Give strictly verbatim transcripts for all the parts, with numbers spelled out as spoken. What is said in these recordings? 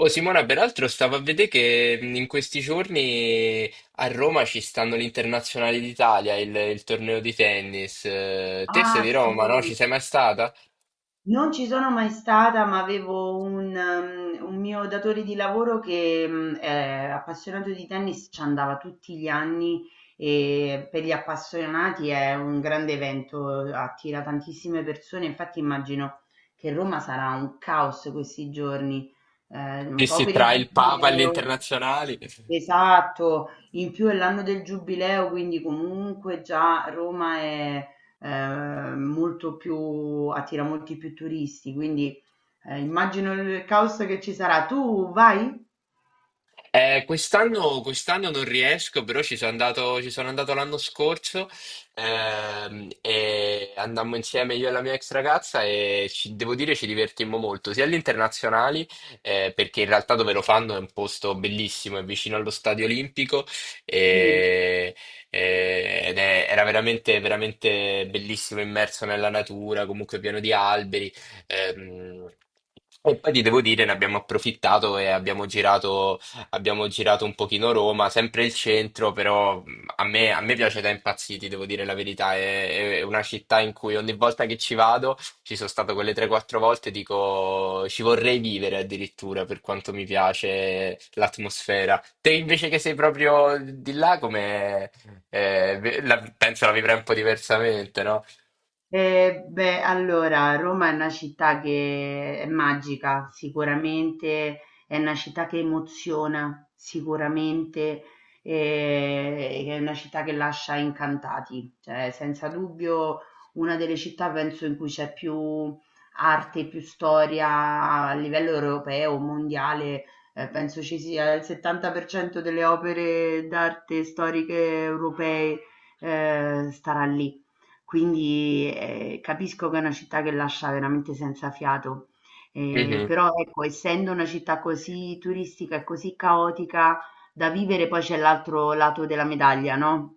Oh, Simona, peraltro stavo a vedere che mh, in questi giorni a Roma ci stanno l'Internazionale d'Italia, il, il torneo di tennis. Eh, Te sei Ah, di Roma, no? Ci sì, sei mai stata? non ci sono mai stata, ma avevo un, ehm, un mio datore di lavoro che mh, è appassionato di tennis, ci andava tutti gli anni e per gli appassionati è un grande evento, attira tantissime persone. Infatti immagino che Roma sarà un caos questi giorni, eh, un Sì, po' sì, per il tra il Papa e giubileo. l'Internazionale. Esatto, in più è l'anno del giubileo, quindi comunque già Roma è eh, molto più, attira molti più turisti, quindi eh, immagino il caos che ci sarà. Tu vai? Eh, quest'anno, quest'anno non riesco, però ci sono andato, ci sono andato l'anno scorso ehm, e andammo insieme io e la mia ex ragazza e ci- devo dire ci divertimmo molto, sia agli internazionali, eh, perché in realtà dove lo fanno è un posto bellissimo, è vicino allo Stadio Olimpico Sì. e- e- ed è- era veramente, veramente bellissimo, immerso nella natura, comunque pieno di alberi. ehm, E poi ti devo dire, ne abbiamo approfittato e abbiamo girato Abbiamo girato un pochino Roma, sempre il centro, però mh, a me, a me piace da impazziti, devo dire la verità. È, è una città in cui ogni volta che ci vado, ci sono stato quelle tre quattro volte, dico ci vorrei vivere addirittura per quanto mi piace l'atmosfera. Te invece che sei proprio di là, come eh, ve- la- penso la vivrai un po' diversamente, no? Eh, beh, allora, Roma è una città che è magica, sicuramente è una città che emoziona, sicuramente eh, è una città che lascia incantati, cioè senza dubbio una delle città penso in cui c'è più arte, più storia a livello europeo, mondiale. Eh, penso ci sia il settanta per cento delle opere d'arte storiche europee eh, starà lì. Quindi, ehm, capisco che è una città che lascia veramente senza fiato, ehm, Mhm, però ecco, essendo una città così turistica e così caotica, da vivere poi c'è l'altro lato della medaglia, no?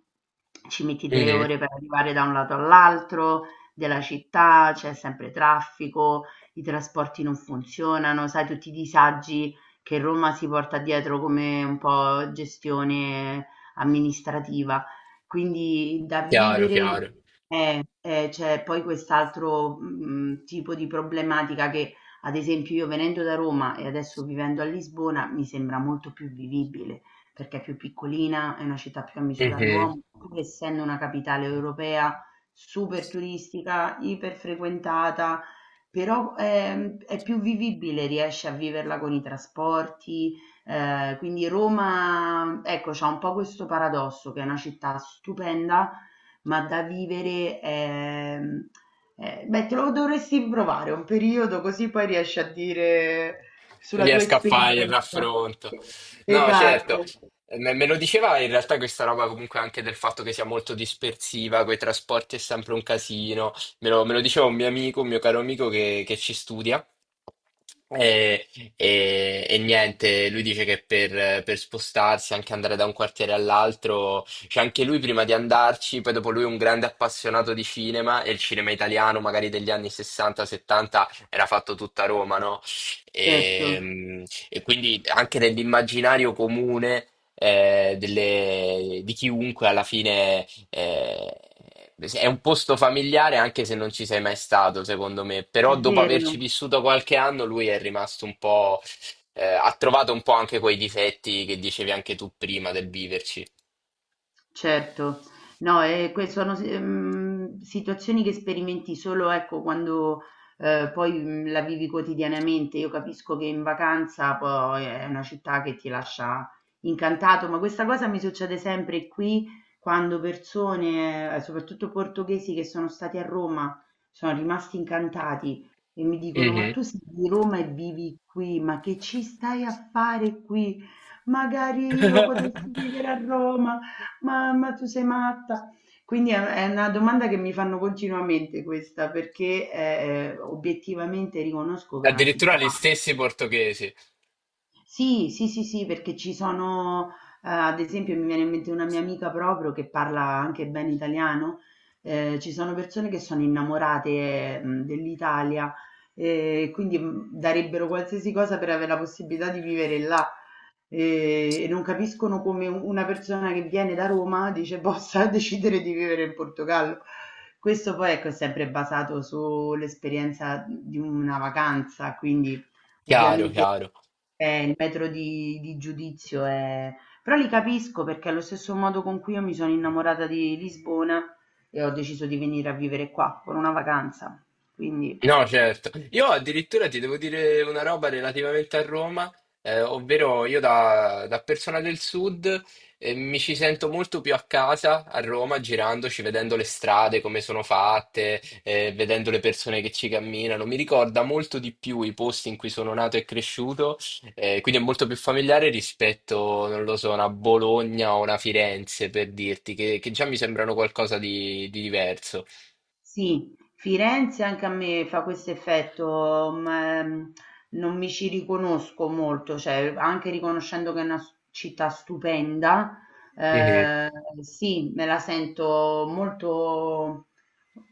Ci metti tre mhm. ore per arrivare da un lato all'altro della città, c'è sempre traffico, i trasporti non funzionano, sai tutti i disagi che Roma si porta dietro come un po' gestione amministrativa. Quindi da Chiaro, vivere chiaro. eh, eh, c'è poi quest'altro, mhmm, tipo di problematica che, ad esempio, io venendo da Roma e adesso vivendo a Lisbona, mi sembra molto più vivibile, perché è più piccolina, è una città più a misura Mhm. d'uomo, pur essendo una capitale europea super turistica, iper frequentata, però, ehm, è più vivibile, riesci a viverla con i trasporti, ehm, quindi Roma, ecco, c'ha un po' questo paradosso che è una città stupenda, ma da vivere, ehm, ehm, beh, te lo dovresti provare un periodo così poi riesci a dire Se sulla tua riesco a fare il esperienza. raffronto. No, certo. Esatto, Me me lo diceva in realtà questa roba comunque anche del fatto che sia molto dispersiva, coi trasporti è sempre un casino. Me lo, me lo diceva un mio amico, un mio caro amico che, che ci studia. E, e- e niente, lui dice che per, per spostarsi, anche andare da un quartiere all'altro, cioè anche lui prima di andarci, poi dopo lui è un grande appassionato di cinema e il cinema italiano, magari degli anni sessanta settanta, era fatto tutta a Roma, no? certo, E, e quindi anche nell'immaginario comune eh, delle- di chiunque alla fine eh, è un posto familiare anche se non ci sei mai stato, secondo me. è Però dopo averci vero. vissuto qualche anno, lui è rimasto un po', eh, ha trovato un po' anche quei difetti che dicevi anche tu prima del viverci. Certo. No, ehm, que sono si mhmm, situazioni che sperimenti solo, ecco, quando, ehm, poi, mhmm, la vivi quotidianamente. Io capisco che in vacanza poi è una città che ti lascia incantato, ma questa cosa mi succede sempre qui quando persone, ehm, soprattutto portoghesi che sono stati a Roma, sono rimasti incantati e mi dicono: "Ma Mhm. tu sei di Roma e vivi qui, ma che ci stai a fare qui? Magari io potessi vivere a Roma". Ma ma tu sei matta? Quindi è è una domanda che mi fanno continuamente questa, perché, ehm, obiettivamente riconosco che è una Addirittura città gli stessi portoghesi. sì, sì, sì, sì, perché ci sono, ehm, ad esempio mi viene in mente una mia amica proprio che parla anche bene italiano, ehm, ci sono persone che sono innamorate, mhmm, dell'Italia, ehm, quindi, mhmm, darebbero qualsiasi cosa per avere la possibilità di vivere là. Ehm, e non capiscono come u una persona che viene da Roma dice possa decidere di vivere in Portogallo. Questo poi, ecco, è sempre basato sull'esperienza di una vacanza, quindi Chiaro, ovviamente chiaro. eh, il metro di di giudizio è però li capisco perché allo stesso modo con cui io mi sono innamorata di Lisbona e ho deciso di venire a vivere qua con una vacanza. Quindi No, certo. Io addirittura ti devo dire una roba relativamente a Roma, eh, ovvero io da, da persona del sud, eh, mi ci sento molto più a casa a Roma, girandoci, vedendo le strade, come sono fatte, eh, vedendo le persone che ci camminano. Mi ricorda molto di più i posti in cui sono nato e cresciuto, eh, quindi è molto più familiare rispetto, non lo so, a una Bologna o una Firenze, per dirti, che, che già mi sembrano qualcosa di, di diverso. sì, Firenze anche a me fa questo effetto, ma mm, ehm, non mi ci riconosco molto, cioè anche riconoscendo che è una s- città stupenda, Mhm. eh, sì, me la sento molto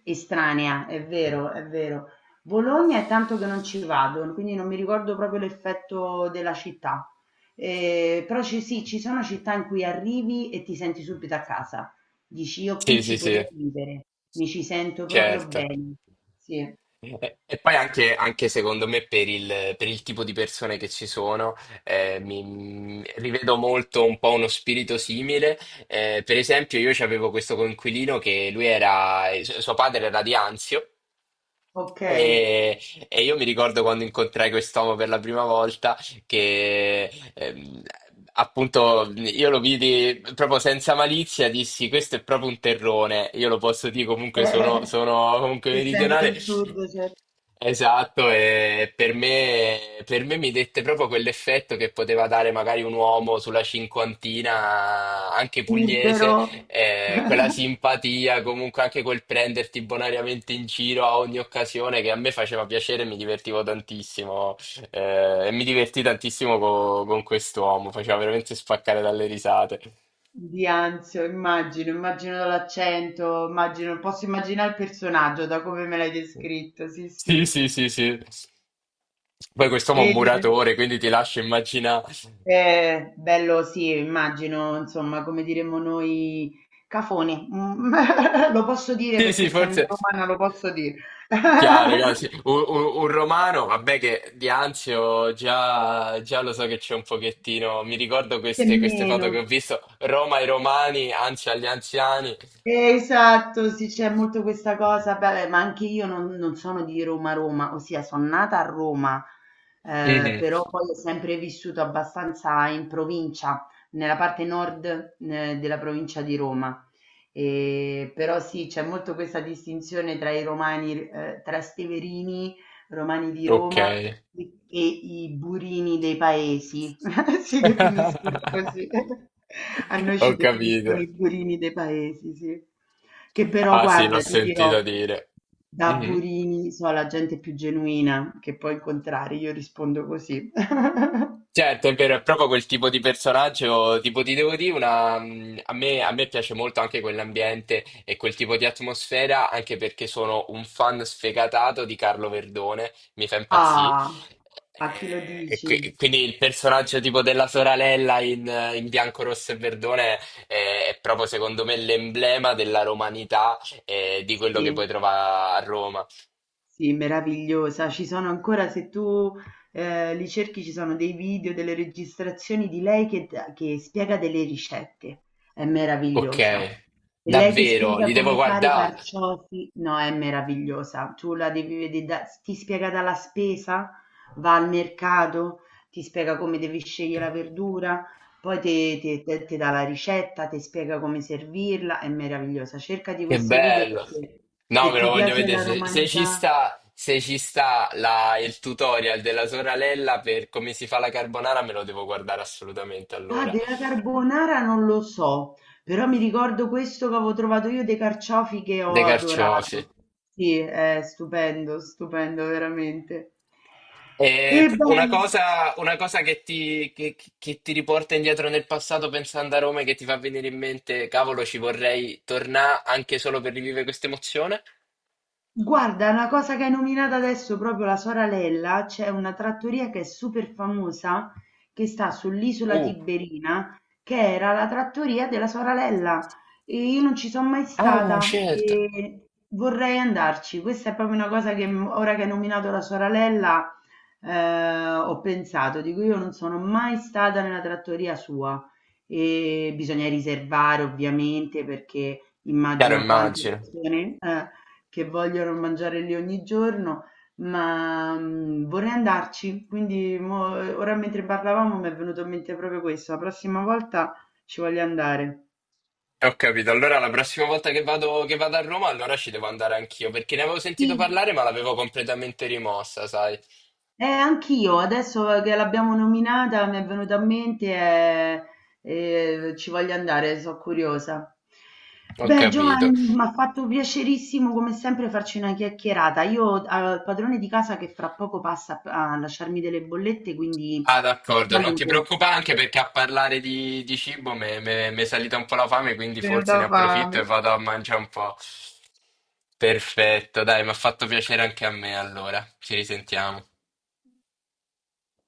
estranea, è vero, è vero. Bologna è tanto che non ci vado, quindi non mi ricordo proprio l'effetto della città. Eh, però ci, sì, ci sono città in cui arrivi e ti senti subito a casa. Dici: "Io Sì, qui sì, ci sì, potrei vivere, mi ci sento proprio certo. bene". Sì, E, e poi anche, anche secondo me per il, per il tipo di persone che ci sono, eh, mi, mi rivedo molto un po' uno spirito simile. Eh, per esempio, io avevo questo coinquilino che lui era, eh, su- suo padre era di Anzio. okay. E, e io mi ricordo quando incontrai quest'uomo per la prima volta che ehm, appunto io lo vidi proprio senza malizia, dissi questo è proprio un terrone, io lo posso dire comunque sono, Eh, sono comunque Se essendo meridionale. del sud c'è Esatto, e per me, per me mi dette proprio quell'effetto che poteva dare magari un uomo sulla cinquantina, anche burbero, pugliese, eh, quella simpatia, comunque anche quel prenderti bonariamente in giro a ogni occasione che a me faceva piacere, e mi divertivo tantissimo eh, e mi divertì tantissimo co- con quest'uomo, faceva veramente spaccare dalle risate. di Anzio, immagino, immagino dall'accento, immagino posso immaginare il personaggio da come me l'hai descritto, sì, Sì, sì. sì, sì, sì. Poi quest'uomo è un E muratore, quindi ti lascio immaginare. eh, bello sì, immagino, insomma, come diremmo noi, cafone. Mhmm, lo posso dire Sì, perché sì, essendo forse. romana lo posso dire. Chiaro, chiaro, sì. Un, un- un romano, vabbè che di Anzio già, già lo so che c'è un pochettino, mi ricordo queste, queste Nemmeno. foto che ho visto, Roma ai romani, Anzio agli anziani. Eh, Esatto, sì, c'è molto questa cosa, beh, ma anche io non, non sono di Roma Roma, ossia sono nata a Roma, eh, Mhm, però poi ho sempre vissuto abbastanza in provincia, nella parte nord, eh, della provincia di Roma. E, però sì, c'è molto questa distinzione tra i romani, eh, tra steverini, romani di ok. Roma e i burini dei paesi. Si definiscono così. A noi Ho ci capito. definiscono i burini dei paesi, sì. Che però, Ah sì, l'ho guarda, ti sentito dirò, dire. da Mhm. burini so la gente più genuina che puoi incontrare, io rispondo così. Certo, è vero, è proprio quel tipo di personaggio, tipo ti devo dire, una, mm, a me, a me piace molto anche quell'ambiente e quel tipo di atmosfera, anche perché sono un fan sfegatato di Carlo Verdone, mi fa impazzire. Ah, a chi lo E, e dici? qui- quindi il personaggio tipo della sorella in, eh, in bianco, rosso e verdone è, è proprio secondo me l'emblema della romanità e di quello che puoi Sì. trovare a Roma. Sì, meravigliosa. Ci sono ancora, se tu eh, li cerchi, ci sono dei video, delle registrazioni di lei che, che spiega delle ricette. È Ok, meravigliosa. E lei che davvero, spiega li devo come fare i guardare. carciofi, no, è meravigliosa. Tu la devi vedere, da- ti spiega dalla spesa, va al mercato, ti spiega come devi Che scegliere la verdura, poi te- te- te- ti dà la ricetta, ti spiega come servirla, è meravigliosa. Cercati questi video bello! perché No, se me lo ti voglio piace vedere. la Se, se ci romanità. sta, se ci sta la- il tutorial della sorella per come si fa la carbonara, me lo devo guardare assolutamente Ah, allora. della carbonara non lo so, però mi ricordo questo che avevo trovato io dei carciofi che ho Dei carciofi. adorato. Sì, è stupendo, stupendo veramente. E E beh, una cosa, una cosa che ti, che- che ti riporta indietro nel passato pensando a Roma e che ti fa venire in mente, cavolo, ci vorrei tornare anche solo per rivivere questa emozione? guarda, una cosa che hai nominato adesso, proprio la Soralella, c'è una trattoria che è super famosa, che sta sull'isola Uh, Tiberina, che era la trattoria della Soralella. E io non ci sono mai ah, stata certo. e vorrei andarci. Questa è proprio una cosa che m- ora che hai nominato la Soralella, eh, ho pensato, dico io non sono mai stata nella trattoria sua e bisogna riservare ovviamente perché Chiaro, immagina quante immagino. persone... eh, che vogliono mangiare lì ogni giorno, ma, mhmm, vorrei andarci. Quindi mo ora mentre parlavamo mi è venuto in mente proprio questo, la prossima volta ci voglio andare. Ho capito, allora la prossima volta che vado, che vado a Roma, allora ci devo andare anch'io, perché ne avevo sentito Sì. parlare, ma l'avevo completamente rimossa, sai? Eh, anch'io, adesso che l'abbiamo nominata mi è venuta a mente e e ci voglio andare, so' curiosa. Ho Beh, capito. Giovanni, m'ha fatto piacerissimo come sempre farci una chiacchierata. Io ho al padrone di casa che fra poco passa a p a lasciarmi delle bollette, quindi Ah, ti d'accordo, non ti saluto. preoccupare, anche perché a parlare di, di cibo mi è salita un po' la fame, quindi forse ne Venuta approfitto fame. e vado a mangiare un po'. Perfetto, dai, mi ha fatto piacere anche a me, allora. Ci risentiamo.